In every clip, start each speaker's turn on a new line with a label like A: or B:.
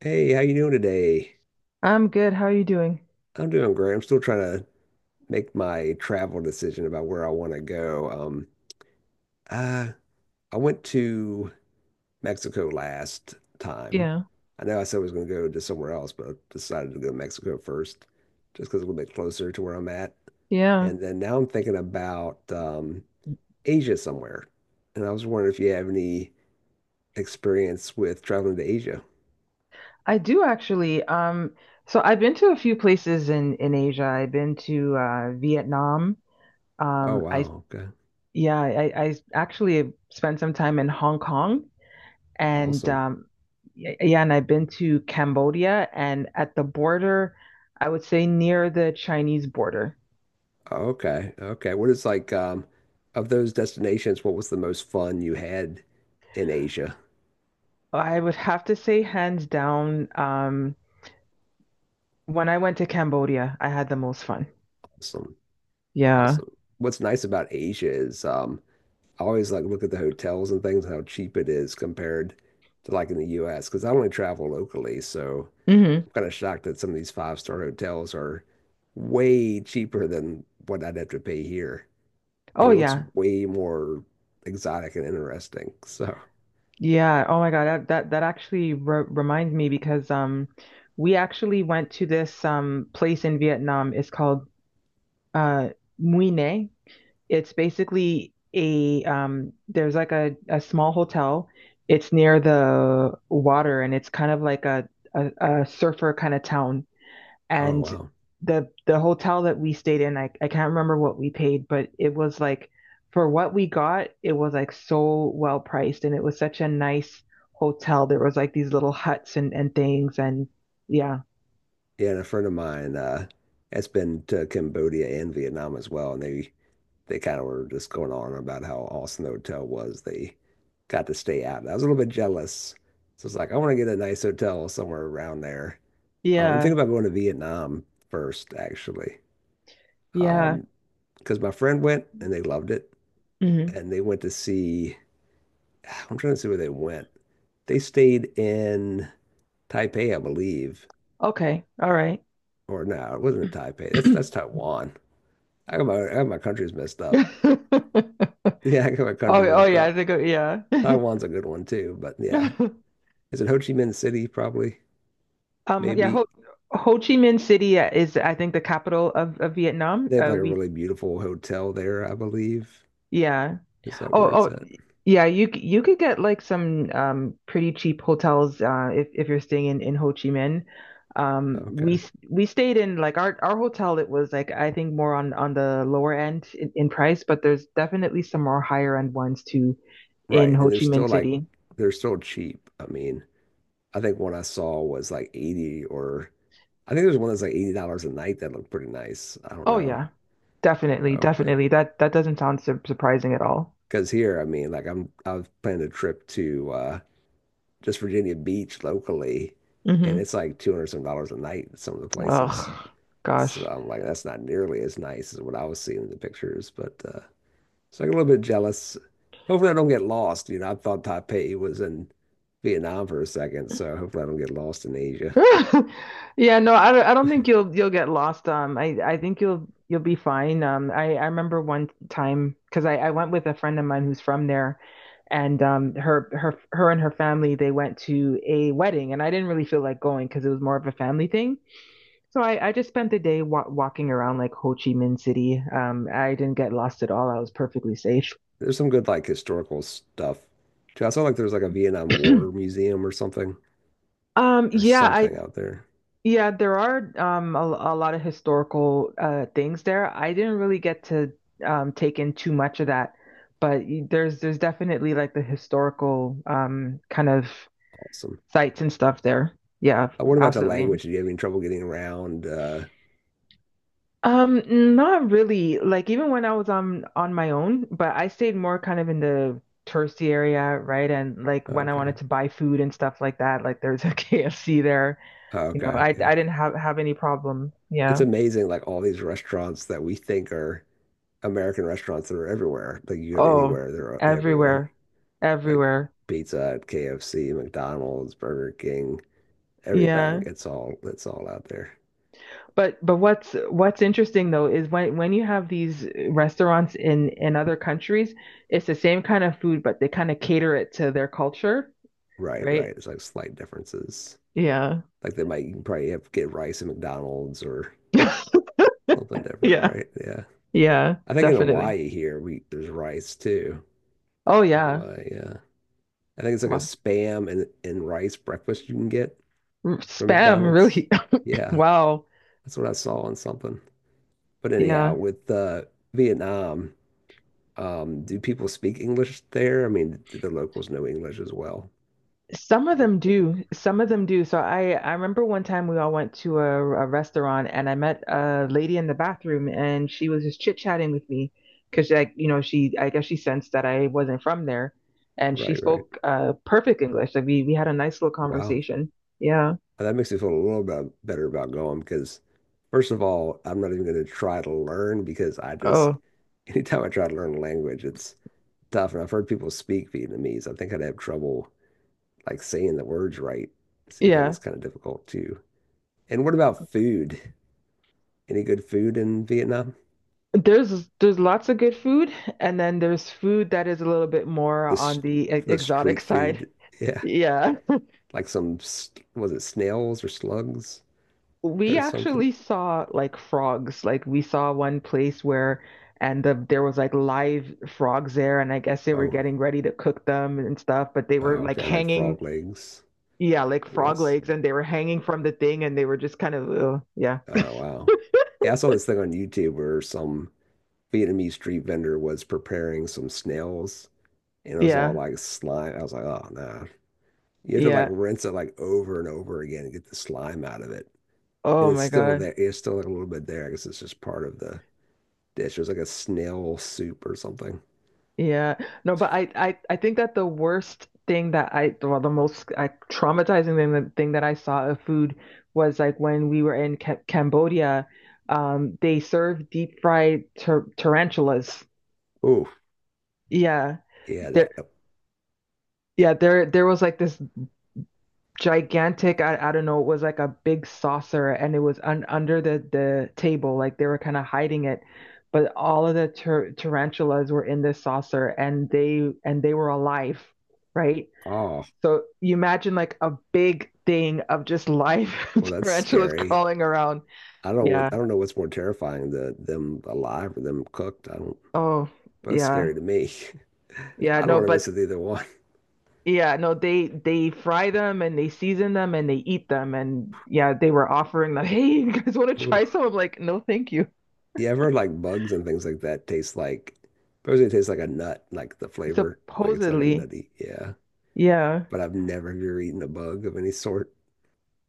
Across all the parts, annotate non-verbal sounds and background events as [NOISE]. A: Hey, how you doing today?
B: I'm good. How are you doing?
A: I'm doing great. I'm still trying to make my travel decision about where I want to go. Uh, I went to Mexico last time.
B: Yeah.
A: I know I said I was going to go to somewhere else, but I decided to go to Mexico first, just because it's a little bit closer to where I'm at.
B: Yeah.
A: And then now I'm thinking about Asia somewhere. And I was wondering if you have any experience with traveling to Asia.
B: I do actually. So I've been to a few places in Asia. I've been to Vietnam.
A: Oh,
B: I
A: wow. Okay.
B: Yeah, I actually spent some time in Hong Kong and
A: Awesome.
B: yeah, and I've been to Cambodia and at the border, I would say near the Chinese border.
A: Okay. Okay. What is like of those destinations, what was the most fun you had in Asia?
B: I would have to say hands down, when I went to Cambodia, I had the most fun.
A: Awesome.
B: Yeah.
A: Awesome. What's nice about Asia is I always like look at the hotels and things and how cheap it is compared to like in the US because I only travel locally, so
B: Hmm.
A: I'm kind of shocked that some of these five-star hotels are way cheaper than what I'd have to pay here.
B: Oh
A: And it looks
B: yeah.
A: way more exotic and interesting. So,
B: Yeah. Oh my God. That actually re reminds me because we actually went to this place in Vietnam. It's called uh Mũi Né. It's basically a there's like a small hotel. It's near the water and it's kind of like a, a surfer kind of town
A: oh
B: and
A: wow.
B: the hotel that we stayed in, I can't remember what we paid, but it was like for what we got, it was like so well priced and it was such a nice hotel. There was like these little huts and things and yeah.
A: Yeah, and a friend of mine has been to Cambodia and Vietnam as well, and they kind of were just going on about how awesome the hotel was. They got to stay out, and I was a little bit jealous. So it's like I want to get a nice hotel somewhere around there. I'm thinking
B: Yeah.
A: about going to Vietnam first, actually,
B: Yeah.
A: um, because my friend went and they loved it,
B: Hmm.
A: and they went to see. I'm trying to see where they went. They stayed in Taipei, I believe,
B: Okay. All right.
A: or no, it wasn't in Taipei. That's
B: [CLEARS THROAT]
A: Taiwan. How come my country's messed up? [LAUGHS] Yeah, how come my
B: Oh,
A: country's
B: oh
A: messed
B: yeah, I
A: up?
B: think yeah.
A: Taiwan's a good one too, but yeah.
B: [LAUGHS]
A: Is it Ho Chi Minh City? Probably.
B: Um yeah,
A: Maybe.
B: Ho, Ho Chi Minh City is I think the capital of Vietnam.
A: They have like a
B: We
A: really beautiful hotel there, I believe.
B: yeah.
A: Is that where
B: Oh,
A: it's
B: oh
A: at?
B: yeah, you could get like some pretty cheap hotels if you're staying in Ho Chi Minh.
A: Okay.
B: We stayed in like our hotel. It was like I think more on the lower end in price, but there's definitely some more higher end ones too in
A: Right.
B: Ho
A: And they're
B: Chi Minh
A: still like,
B: City.
A: they're still cheap. I mean, I think one I saw was like 80 or I think there's one that's like $80 a night that looked pretty nice. I don't
B: Oh
A: know.
B: yeah, definitely,
A: Oh, but
B: definitely. That doesn't sound surprising at all.
A: because here, I mean, like I've planned a trip to just Virginia Beach locally, and
B: Mm-hmm.
A: it's like 200 some dollars a night in some of the places.
B: Ugh,
A: So
B: gosh.
A: I'm like, that's not nearly as nice as what I was seeing in the pictures. But so I get a little bit jealous. Hopefully, I don't get lost. You know, I thought Taipei was in Vietnam for a second, so hopefully, I don't get lost in Asia.
B: [LAUGHS] Yeah, no, I don't think you'll get lost. I think you'll be fine. I remember one time because I went with a friend of mine who's from there, and her and her family they went to a wedding, and I didn't really feel like going because it was more of a family thing. So I just spent the day wa walking around like Ho Chi Minh City. I didn't get lost at all. I was perfectly safe.
A: There's some good like historical stuff too. I saw like there's like a Vietnam War
B: [CLEARS THROAT]
A: museum or something
B: Um,
A: or
B: yeah, I
A: something out there.
B: Yeah, there are a lot of historical things there. I didn't really get to take in too much of that, but there's definitely like the historical kind of
A: Awesome.
B: sites and stuff there. Yeah,
A: What about the
B: absolutely.
A: language? Do you have any trouble getting around?
B: Not really. Like even when I was on my own, but I stayed more kind of in the touristy area, right? And like when I wanted
A: Okay.
B: to buy food and stuff like that, like there's a [LAUGHS] KFC there. You know,
A: Okay. Yeah.
B: I didn't have any problem.
A: It's
B: Yeah.
A: amazing like all these restaurants that we think are American restaurants that are everywhere. Like you go to
B: Oh,
A: anywhere, they're everywhere.
B: everywhere.
A: Like
B: Everywhere.
A: Pizza Hut, KFC, McDonald's, Burger King, everything.
B: Yeah.
A: It's all out there.
B: But what's interesting though is when you have these restaurants in other countries, it's the same kind of food, but they kind of cater it to their culture,
A: Right,
B: right?
A: right. It's like slight differences.
B: Yeah.
A: Like they might you can probably have get rice at McDonald's or
B: [LAUGHS]
A: something different,
B: Yeah.
A: right? Yeah.
B: Yeah,
A: I think in
B: definitely.
A: Hawaii here we there's rice too.
B: Oh
A: In
B: yeah.
A: Hawaii, yeah. I think it's like a
B: Wow.
A: spam and rice breakfast you can get from
B: Spam,
A: McDonald's.
B: really. [LAUGHS]
A: Yeah.
B: Wow.
A: That's what I saw on something. But anyhow,
B: Yeah.
A: with Vietnam, do people speak English there? I mean, do the locals know English as well?
B: Some of
A: Or-
B: them do. Some of them do. So I remember one time we all went to a restaurant and I met a lady in the bathroom and she was just chit-chatting with me because like you know she I guess she sensed that I wasn't from there and she
A: Right, right.
B: spoke perfect English. Like we had a nice little
A: Wow.
B: conversation. Yeah.
A: That makes me feel a little bit better about going because, first of all, I'm not even going to try to learn
B: Oh,
A: [LAUGHS] anytime I try to learn a language, it's tough. And I've heard people speak Vietnamese. I think I'd have trouble like saying the words right. It seems like
B: yeah.
A: it's kind of difficult too. And what about food? Any good food in Vietnam?
B: There's lots of good food and then there's food that is a little bit more
A: the
B: on the
A: the
B: exotic [LAUGHS]
A: street
B: side.
A: food. Yeah,
B: Yeah.
A: like some was it snails or slugs
B: We
A: or something?
B: actually saw like frogs. Like we saw one place where and there was like live frogs there and I guess they were
A: Oh,
B: getting ready to cook them and stuff, but they were
A: oh,
B: like
A: okay, like frog
B: hanging
A: legs,
B: yeah, like
A: I
B: frog
A: guess.
B: legs and they were hanging from the thing and they were just kind of yeah.
A: Oh wow, yeah, I saw this thing on YouTube where some Vietnamese street vendor was preparing some snails, and it was all
B: Yeah.
A: like slime. I was like, oh no, you have to like
B: Yeah.
A: rinse it like over and over again and get the slime out of it, and
B: Oh
A: it's
B: my
A: still
B: God.
A: there. It's still like a little bit there. I guess it's just part of the dish. It was like a snail soup or something.
B: Yeah. No, but I think that the worst thing that I, well, the most traumatizing thing, the thing that I saw of food was like when we were in Ca Cambodia, they served deep fried tarantulas.
A: Oh,
B: Yeah.
A: yeah,
B: There, yeah, there was like this gigantic, I don't know, it was like a big saucer and it was un under the table. Like they were kind of hiding it. But all of the tarantulas were in this saucer and and they were alive, right?
A: oh,
B: So you imagine like a big thing of just live
A: well,
B: [LAUGHS]
A: that's
B: tarantulas
A: scary.
B: crawling around.
A: I don't know what,
B: Yeah.
A: I don't know what's more terrifying, them alive or them cooked. I don't,
B: Oh,
A: both
B: yeah.
A: scary to me. [LAUGHS]
B: Yeah,
A: I don't
B: no,
A: want to mess
B: but
A: with either one.
B: yeah, no, they fry them and they season them and they eat them and yeah, they were offering them, [LAUGHS] "Hey, you guys want to
A: [LAUGHS] Ooh.
B: try some?" I'm like, "No, thank you."
A: Yeah, I've heard like bugs and things like that taste like, supposedly it tastes like a nut, like the flavor, like it's like a
B: Supposedly.
A: nutty. Yeah,
B: Yeah.
A: but I've never have you ever eaten a bug of any sort.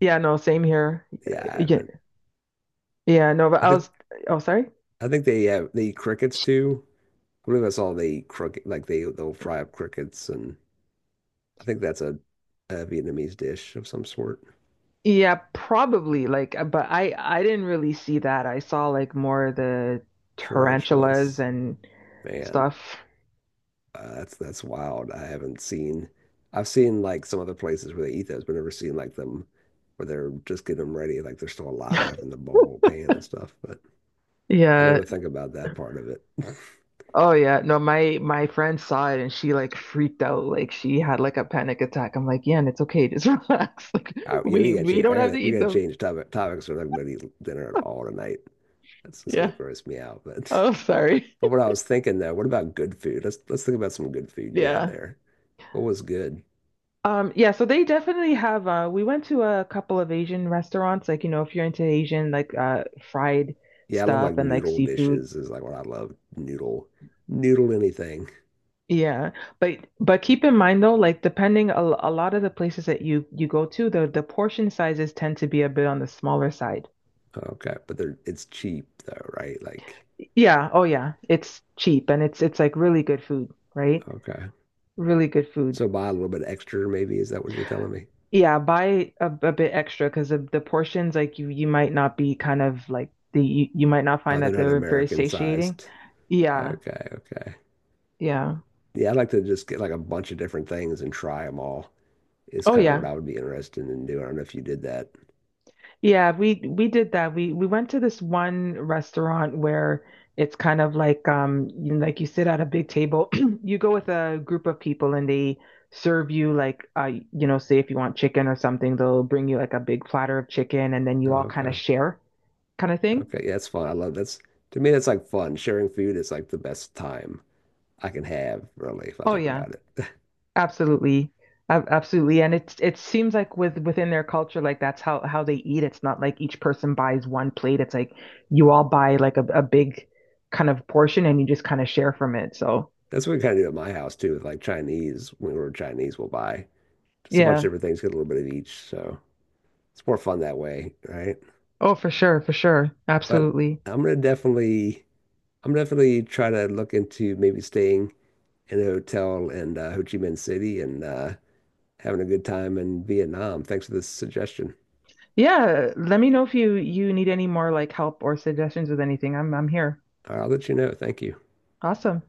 B: Yeah, no, same here.
A: Yeah, I
B: Yeah.
A: haven't.
B: Yeah, no, but
A: I
B: I
A: think
B: was oh, sorry.
A: I think they have they eat crickets too. I believe I saw they eat cricket, like they'll fry up crickets, and I think that's a Vietnamese dish of some sort.
B: Yeah, probably like but I didn't really see that. I saw like more the tarantulas
A: Tarantulas.
B: and
A: Man,
B: stuff.
A: that's wild. I haven't seen I've seen like some other places where they eat those, but never seen like them where they're just getting them ready, like they're still alive
B: [LAUGHS]
A: in the bowl pan and stuff. But I
B: Yeah.
A: never think about that part of it. [LAUGHS]
B: Oh yeah. No, my friend saw it and she like freaked out. Like she had like a panic attack. I'm like, yeah, and it's okay. Just relax. [LAUGHS] Like
A: I, yeah, we gotta
B: we
A: change.
B: don't
A: I
B: have to
A: gotta we
B: eat
A: gotta
B: them.
A: change topics. We're not gonna eat dinner at all tonight.
B: [LAUGHS]
A: That's just gonna
B: Yeah.
A: gross me out. But [LAUGHS]
B: Oh, sorry.
A: but what I was thinking though, what about good food? Let's think about some good food you had
B: Yeah.
A: there. What was good?
B: Yeah, so they definitely have we went to a couple of Asian restaurants, like you know, if you're into Asian like fried
A: Yeah, I love like
B: stuff and like
A: noodle
B: seafood.
A: dishes is like what I love. Noodle anything.
B: Yeah. But keep in mind though, like depending a lot of the places that you go to, the portion sizes tend to be a bit on the smaller side.
A: Okay, but they're it's cheap though, right? Like,
B: Yeah, oh yeah. It's cheap and it's like really good food, right?
A: okay.
B: Really good food.
A: So buy a little bit extra, maybe. Is that what you're telling me?
B: Yeah, buy a bit extra because of the portions like you might not be kind of like the you might not
A: Oh,
B: find
A: they're
B: that
A: not
B: they're very
A: American
B: satiating.
A: sized.
B: Yeah.
A: Okay, okay.
B: Yeah.
A: Yeah, I'd like to just get like a bunch of different things and try them all. Is
B: Oh
A: kind of what
B: yeah.
A: I would be interested in doing. I don't know if you did that.
B: Yeah, we did that. We went to this one restaurant where it's kind of like you know, like you sit at a big table. [CLEARS THROAT] You go with a group of people and they serve you like you know, say if you want chicken or something, they'll bring you like a big platter of chicken and then you all kind of
A: Okay,
B: share kind of thing.
A: okay. Yeah, that's fun. I love that's to me, that's like fun. Sharing food is like the best time I can have, really, if I
B: Oh
A: think
B: yeah,
A: about it. [LAUGHS]
B: absolutely. Absolutely. And it's it seems like with within their culture, like that's how they eat. It's not like each person buys one plate. It's like you all buy like a big kind of portion and you just kind of share from it. So
A: That's what we kind of did at my house too, with like Chinese. When we were Chinese, we'll buy just a bunch of
B: yeah.
A: different things, get a little bit of each. So it's more fun that way, right?
B: Oh, for sure, for sure.
A: But
B: Absolutely.
A: I'm gonna definitely, I'm definitely try to look into maybe staying in a hotel in Ho Chi Minh City and having a good time in Vietnam. Thanks for this suggestion.
B: Yeah. Let me know if you need any more like help or suggestions with anything. I'm here.
A: All right, I'll let you know. Thank you.
B: Awesome.